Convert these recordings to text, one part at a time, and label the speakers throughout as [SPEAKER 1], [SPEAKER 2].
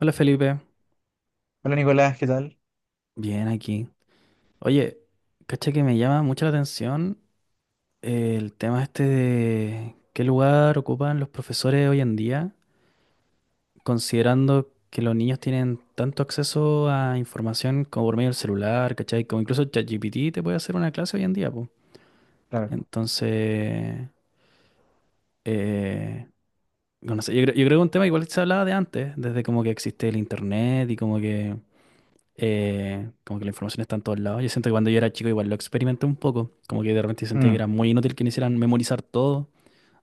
[SPEAKER 1] Hola Felipe,
[SPEAKER 2] Hola Nicolás, ¿qué tal?
[SPEAKER 1] bien aquí. Oye, caché que me llama mucho la atención el tema este de qué lugar ocupan los profesores hoy en día, considerando que los niños tienen tanto acceso a información como por medio del celular, ¿cachai? Como incluso ChatGPT te puede hacer una clase hoy en día, pues.
[SPEAKER 2] Claro.
[SPEAKER 1] Entonces, eh, no sé, yo creo que un tema igual que se hablaba de antes, desde como que existe el internet y como que la información está en todos lados. Yo siento que cuando yo era chico igual lo experimenté un poco. Como que de repente sentía que
[SPEAKER 2] Mm,
[SPEAKER 1] era muy inútil que me hicieran memorizar todo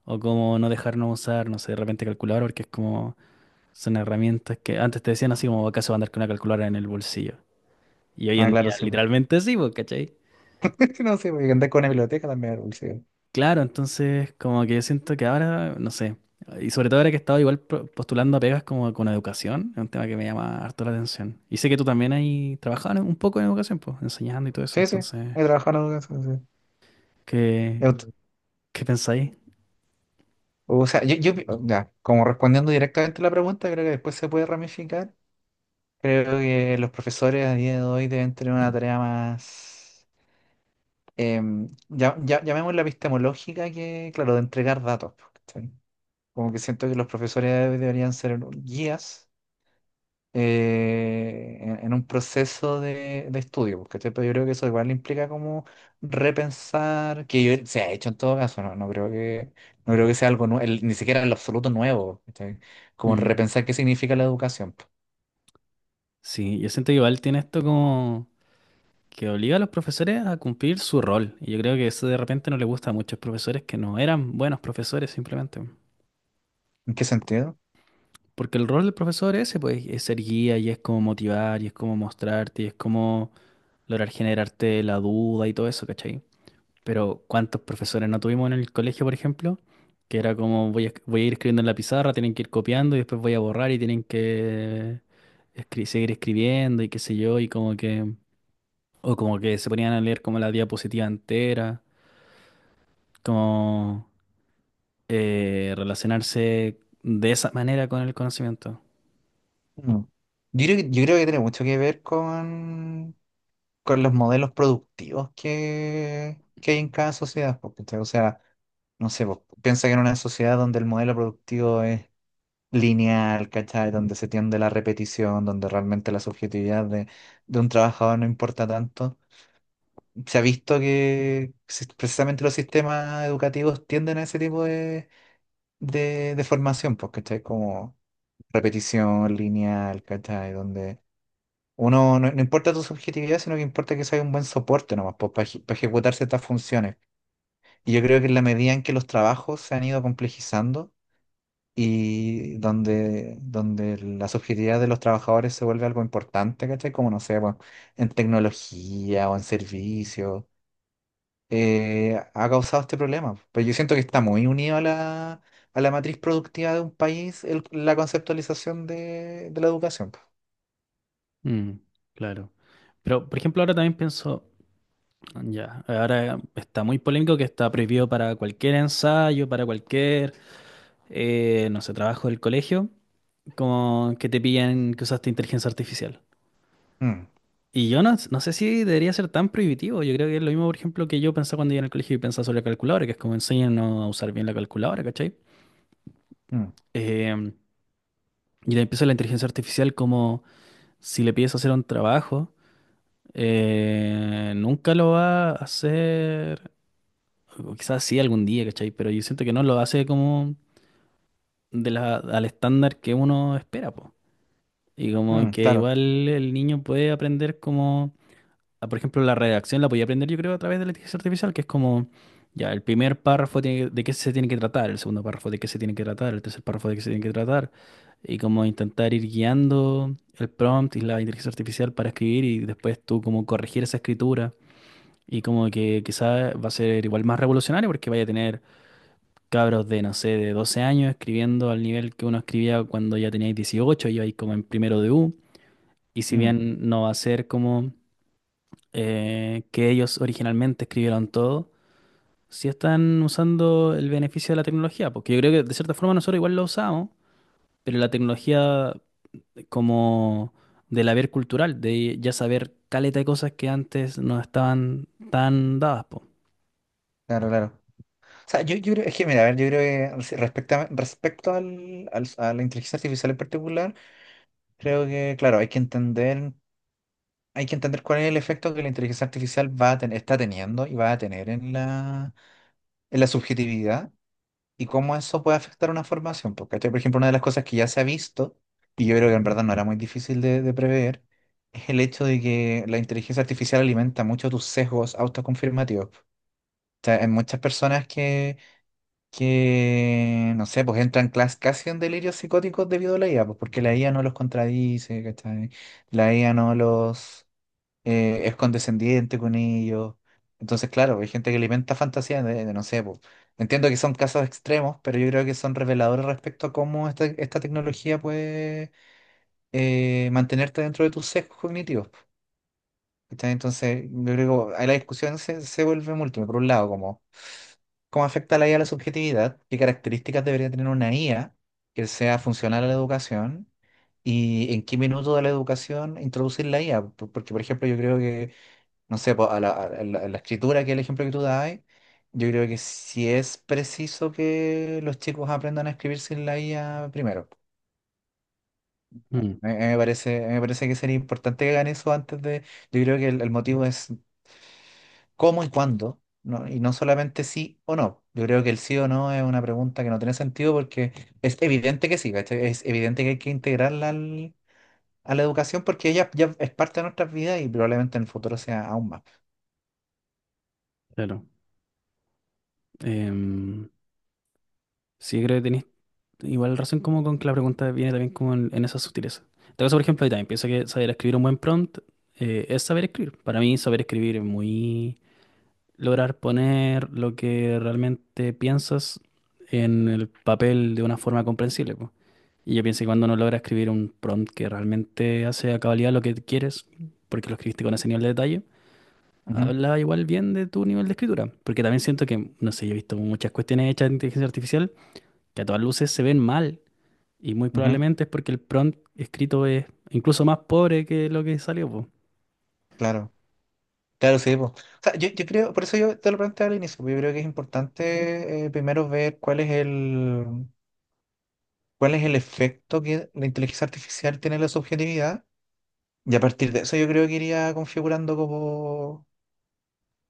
[SPEAKER 1] o como no dejarnos usar, no sé, de repente calculador, porque es como son herramientas que antes te decían así como acaso andar con una calculadora en el bolsillo. Y hoy
[SPEAKER 2] Ah,
[SPEAKER 1] en
[SPEAKER 2] claro,
[SPEAKER 1] día
[SPEAKER 2] sí. po.
[SPEAKER 1] literalmente sí, pues, ¿cachai?
[SPEAKER 2] No sé, porque andar con una biblioteca también era dulce.
[SPEAKER 1] Claro, entonces como que yo siento que ahora, no sé, y sobre todo ahora que he estado igual postulando a pegas como con educación, es un tema que me llama harto la atención. Y sé que tú también ahí trabajabas un poco en educación, pues, enseñando y todo eso,
[SPEAKER 2] Sí, sí,
[SPEAKER 1] entonces...
[SPEAKER 2] he trabajado en educación, sí. He
[SPEAKER 1] ¿Qué,
[SPEAKER 2] ut-
[SPEAKER 1] qué pensáis?
[SPEAKER 2] O sea, ya, como respondiendo directamente a la pregunta, creo que después se puede ramificar. Creo que los profesores a día de hoy deben tener una tarea más, ya, llamémosla epistemológica, que, claro, de entregar datos. Po, ¿cachai? Como que siento que los profesores deberían ser guías en un proceso de estudio, porque pero yo creo que eso igual implica como repensar, se ha hecho en todo caso, no, no creo que sea algo nuevo, ni siquiera en lo absoluto nuevo, ¿cachai? Como
[SPEAKER 1] Mm,
[SPEAKER 2] repensar qué significa la educación. Po.
[SPEAKER 1] sí, yo siento que igual tiene esto como que obliga a los profesores a cumplir su rol. Y yo creo que eso de repente no le gusta a muchos profesores que no eran buenos profesores simplemente.
[SPEAKER 2] ¿En qué sentido?
[SPEAKER 1] Porque el rol del profesor ese, pues, es ser guía y es como motivar y es como mostrarte y es como lograr generarte la duda y todo eso, ¿cachai? Pero ¿cuántos profesores no tuvimos en el colegio, por ejemplo? Que era como voy a ir escribiendo en la pizarra, tienen que ir copiando y después voy a borrar y tienen que seguir escribiendo y qué sé yo, y como que... O como que se ponían a leer como la diapositiva entera, como relacionarse de esa manera con el conocimiento.
[SPEAKER 2] Mm. Yo creo que tiene mucho que ver con los modelos productivos que hay en cada sociedad, porque, o sea, no sé, vos piensa que en una sociedad donde el modelo productivo lineal, ¿cachai? Donde se tiende la repetición, donde realmente la subjetividad de un trabajador no importa tanto. Se ha visto que precisamente los sistemas educativos tienden a ese tipo de, de formación, pues, ¿cachai? Como repetición lineal, ¿cachai? Donde uno no, no importa tu subjetividad, sino que importa que sea un buen soporte nomás, pues, para ejecutar ciertas funciones. Y yo creo que en la medida en que los trabajos se han ido complejizando, y donde, donde la subjetividad de los trabajadores se vuelve algo importante, ¿cachai? Como no sé, bueno, en tecnología o en servicios ha causado este problema. Pero yo siento que está muy unido a la matriz productiva de un país la conceptualización de la educación. Po.
[SPEAKER 1] Mm, claro. Pero, por ejemplo, ahora también pienso, ya, ahora está muy polémico que está prohibido para cualquier ensayo, para cualquier no sé, trabajo del colegio, como que te pillan que usaste inteligencia artificial.
[SPEAKER 2] Mm,
[SPEAKER 1] Y yo no, no sé si debería ser tan prohibitivo. Yo creo que es lo mismo, por ejemplo, que yo pensaba cuando iba al colegio y pensaba sobre la calculadora, que es como enseñan a usar bien la calculadora, ¿cachai?
[SPEAKER 2] mm,
[SPEAKER 1] Em, y le empieza la inteligencia artificial como si le pides hacer un trabajo, nunca lo va a hacer, o quizás sí algún día, ¿cachai? Pero yo siento que no lo hace como de la, al estándar que uno espera, po. Y como
[SPEAKER 2] mm,
[SPEAKER 1] que
[SPEAKER 2] claro,
[SPEAKER 1] igual el niño puede aprender como, ah, por ejemplo, la redacción la podía aprender yo creo a través de la inteligencia artificial, que es como, ya, el primer párrafo de qué se tiene que tratar, el segundo párrafo de qué se tiene que tratar, el tercer párrafo de qué se tiene que tratar, y como intentar ir guiando el prompt y la inteligencia artificial para escribir y después tú como corregir esa escritura. Y como que quizás va a ser igual más revolucionario porque vaya a tener cabros de, no sé, de 12 años escribiendo al nivel que uno escribía cuando ya teníais 18 y ibais como en primero de U. Y si
[SPEAKER 2] mm,
[SPEAKER 1] bien no va a ser como que ellos originalmente escribieron todo, sí están usando el beneficio de la tecnología, porque yo creo que de cierta forma nosotros igual lo usamos, pero la tecnología como del haber cultural, de ya saber caleta de cosas que antes no estaban tan dadas, po.
[SPEAKER 2] claro, claro. O sea, yo creo, es que mira, a ver, yo creo que respecto a, a la inteligencia artificial en particular, creo que, claro, hay que entender cuál es el efecto que la inteligencia artificial va a tener, está teniendo y va a tener en la subjetividad y cómo eso puede afectar una formación. Porque, ¿cachai? Por ejemplo, una de las cosas que ya se ha visto, y yo creo que en verdad no era muy difícil de prever, es el hecho de que la inteligencia artificial alimenta mucho tus sesgos autoconfirmativos. Pues. O sea, hay muchas personas que, no sé, pues entran casi en delirios psicóticos debido a la IA, pues porque la IA no los contradice, ¿cachai? La IA no los eh, es condescendiente con ellos. Entonces, claro, hay gente que alimenta fantasía de no sé, po. Entiendo que son casos extremos, pero yo creo que son reveladores respecto a cómo esta, esta tecnología puede mantenerte dentro de tus sesgos cognitivos. Po. ¿Cachai? Entonces, yo creo que ahí la discusión se, se vuelve múltiple. Por un lado, como cómo afecta la IA a la subjetividad, qué características debería tener una IA que sea funcional a la educación y en qué minuto de la educación introducir la IA. Porque, por ejemplo, yo creo que no sé, po, a la, a la escritura, que es el ejemplo que tú das, yo creo que sí es preciso que los chicos aprendan a escribir sin la IA primero.
[SPEAKER 1] Mm,
[SPEAKER 2] A mí me parece, a mí me parece que sería importante que hagan eso antes de. Yo creo que el motivo es cómo y cuándo, ¿no? Y no solamente sí o no. Yo creo que el sí o no es una pregunta que no tiene sentido porque es evidente que sí, ¿cachai? Es evidente que hay que integrarla a la educación porque ella ya es parte de nuestras vidas y probablemente en el futuro sea aún más.
[SPEAKER 1] claro. Em, sí, creo que igual razón como con que la pregunta viene también como en esa sutileza. En todo caso, por ejemplo, ahí también pienso que saber escribir un buen prompt es saber escribir. Para mí, saber escribir es muy lograr poner lo que realmente piensas en el papel de una forma comprensible, po. Y yo pienso que cuando uno logra escribir un prompt que realmente hace a cabalidad lo que quieres, porque lo escribiste con ese nivel de detalle,
[SPEAKER 2] Ujú,
[SPEAKER 1] habla igual bien de tu nivel de escritura. Porque también siento que, no sé, yo he visto muchas cuestiones hechas de inteligencia artificial que a todas luces se ven mal y muy
[SPEAKER 2] ujú,
[SPEAKER 1] probablemente es porque el prompt escrito es incluso más pobre que lo que salió, po.
[SPEAKER 2] claro. Claro, sí. po. O sea, yo creo, por eso yo te lo planteaba al inicio, porque yo creo que es importante primero ver cuál es cuál es el efecto que la inteligencia artificial tiene en la subjetividad. Y a partir de eso yo creo que iría configurando como,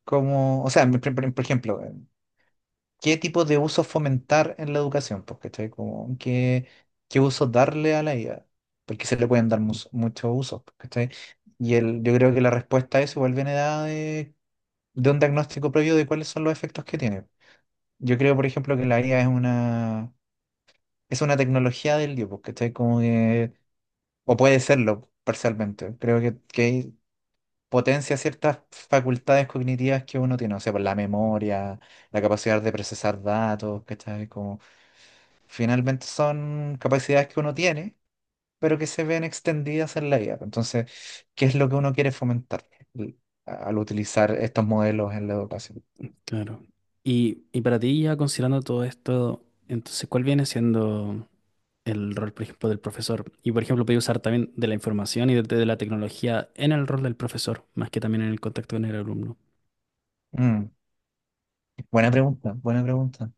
[SPEAKER 2] como, o sea, por ejemplo, ¿qué tipo de uso fomentar en la educación? Pues, ¿cachai? Como, ¿qué, qué uso darle a la IA? Porque se le pueden dar muchos usos, pues, ¿cachai? Y el, yo creo que la respuesta a eso igual viene dada de un diagnóstico previo de cuáles son los efectos que tiene. Yo creo, por ejemplo, que la IA es una tecnología del Dios, porque está como que, o puede serlo parcialmente. Que potencia ciertas facultades cognitivas que uno tiene, o sea, por la memoria, la capacidad de procesar datos, ¿cachai? Como, finalmente son capacidades que uno tiene, pero que se ven extendidas en la IA. Entonces, ¿qué es lo que uno quiere fomentar al al utilizar estos modelos en la educación?
[SPEAKER 1] Claro. Y para ti, ya considerando todo esto, entonces, ¿cuál viene siendo el rol, por ejemplo, del profesor? Y, por ejemplo, podéis usar también de la información y de la tecnología en el rol del profesor, más que también en el contacto con el alumno.
[SPEAKER 2] Mm. Buena pregunta, buena pregunta.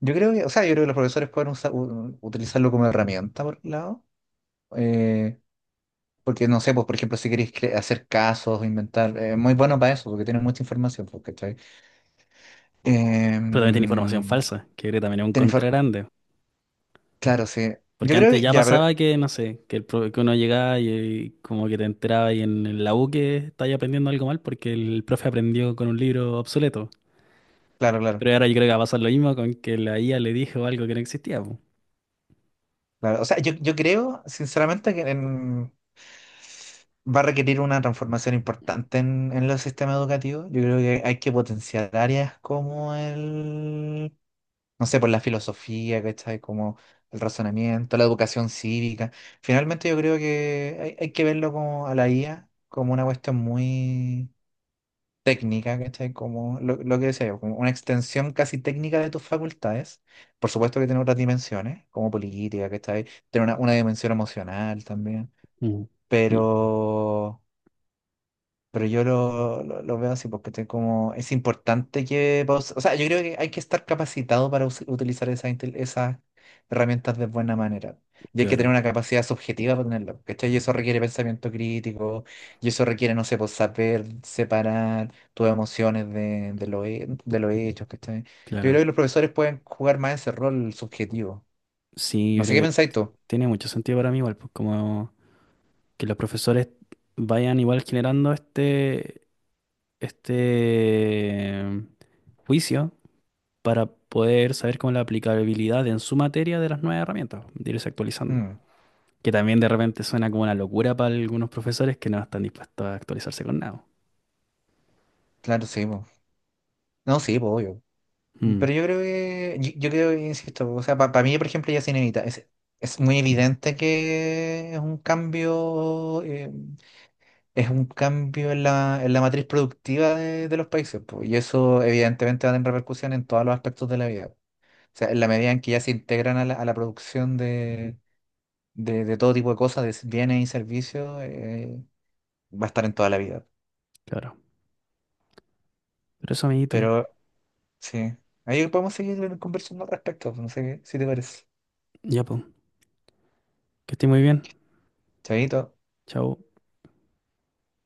[SPEAKER 2] Yo creo que, o sea, yo creo que los profesores pueden utilizarlo como herramienta por un lado, eh, porque no sé, pues por ejemplo, si queréis hacer casos, inventar, muy bueno para eso, porque tienen mucha información, pues, ¿cachai?
[SPEAKER 1] Pero también tiene información
[SPEAKER 2] Em,
[SPEAKER 1] falsa, que creo que también es un
[SPEAKER 2] tiene
[SPEAKER 1] contra
[SPEAKER 2] infor-
[SPEAKER 1] grande.
[SPEAKER 2] claro, sí.
[SPEAKER 1] Porque
[SPEAKER 2] Yo creo
[SPEAKER 1] antes
[SPEAKER 2] que,
[SPEAKER 1] ya
[SPEAKER 2] ya, pero,
[SPEAKER 1] pasaba que, no sé, que, que uno llegaba y, como que te enteraba y en la U que estáis aprendiendo algo mal porque el profe aprendió con un libro obsoleto.
[SPEAKER 2] claro, claro,
[SPEAKER 1] Pero ahora yo creo que va a pasar lo mismo con que la IA le dijo algo que no existía, po.
[SPEAKER 2] claro. O sea, yo creo, sinceramente, va a requerir una transformación importante en los sistemas educativos. Yo creo que hay que potenciar áreas como el no sé, por la filosofía, ¿cachai? Como el razonamiento, la educación cívica. Finalmente yo creo que hay que verlo como a la IA como una cuestión muy técnica, ¿cachai? Como lo que decía yo, como una extensión casi técnica de tus facultades. Por supuesto que tiene otras dimensiones, como política, ¿cachai? Tiene una dimensión emocional también.
[SPEAKER 1] Mm. Y-
[SPEAKER 2] Pero pero yo lo veo así porque estoy como, es importante que, o sea, yo creo que hay que estar capacitado para utilizar esas, esas herramientas de buena manera. Y hay que tener
[SPEAKER 1] claro,
[SPEAKER 2] una capacidad subjetiva para tenerlo, ¿cachai? Y eso requiere pensamiento crítico, y eso requiere, no sé, pues saber separar tus emociones de lo, de los hechos, ¿cachai? Yo creo
[SPEAKER 1] claro.
[SPEAKER 2] que los profesores pueden jugar más ese rol subjetivo.
[SPEAKER 1] Sí, yo
[SPEAKER 2] No sé qué
[SPEAKER 1] creo que
[SPEAKER 2] pensáis tú.
[SPEAKER 1] tiene mucho sentido para mí igual, pues como que los profesores vayan igual generando este, este mm, juicio para poder saber cómo la aplicabilidad en su materia de las nuevas herramientas, de irse actualizando.
[SPEAKER 2] Mm,
[SPEAKER 1] Que también de repente suena como una locura para algunos profesores que no están dispuestos a actualizarse con nada.
[SPEAKER 2] claro, sí, po. No, sí, pues, obvio.
[SPEAKER 1] Mm,
[SPEAKER 2] Pero yo creo que, yo creo que, insisto, o sea, para mí, por ejemplo, ya se inevita. Es muy evidente que es un cambio en la matriz productiva de los países, po, y eso evidentemente va a tener repercusión en todos los aspectos de la vida. O sea, en la medida en que ya se integran a la producción de, de todo tipo de cosas, de bienes y servicios, va a estar en toda la vida.
[SPEAKER 1] claro. Pero eso, amiguito,
[SPEAKER 2] Pero sí, ahí podemos seguir conversando al respecto, si te parece.
[SPEAKER 1] ya pues, que esté muy bien.
[SPEAKER 2] Chavito.
[SPEAKER 1] Chao.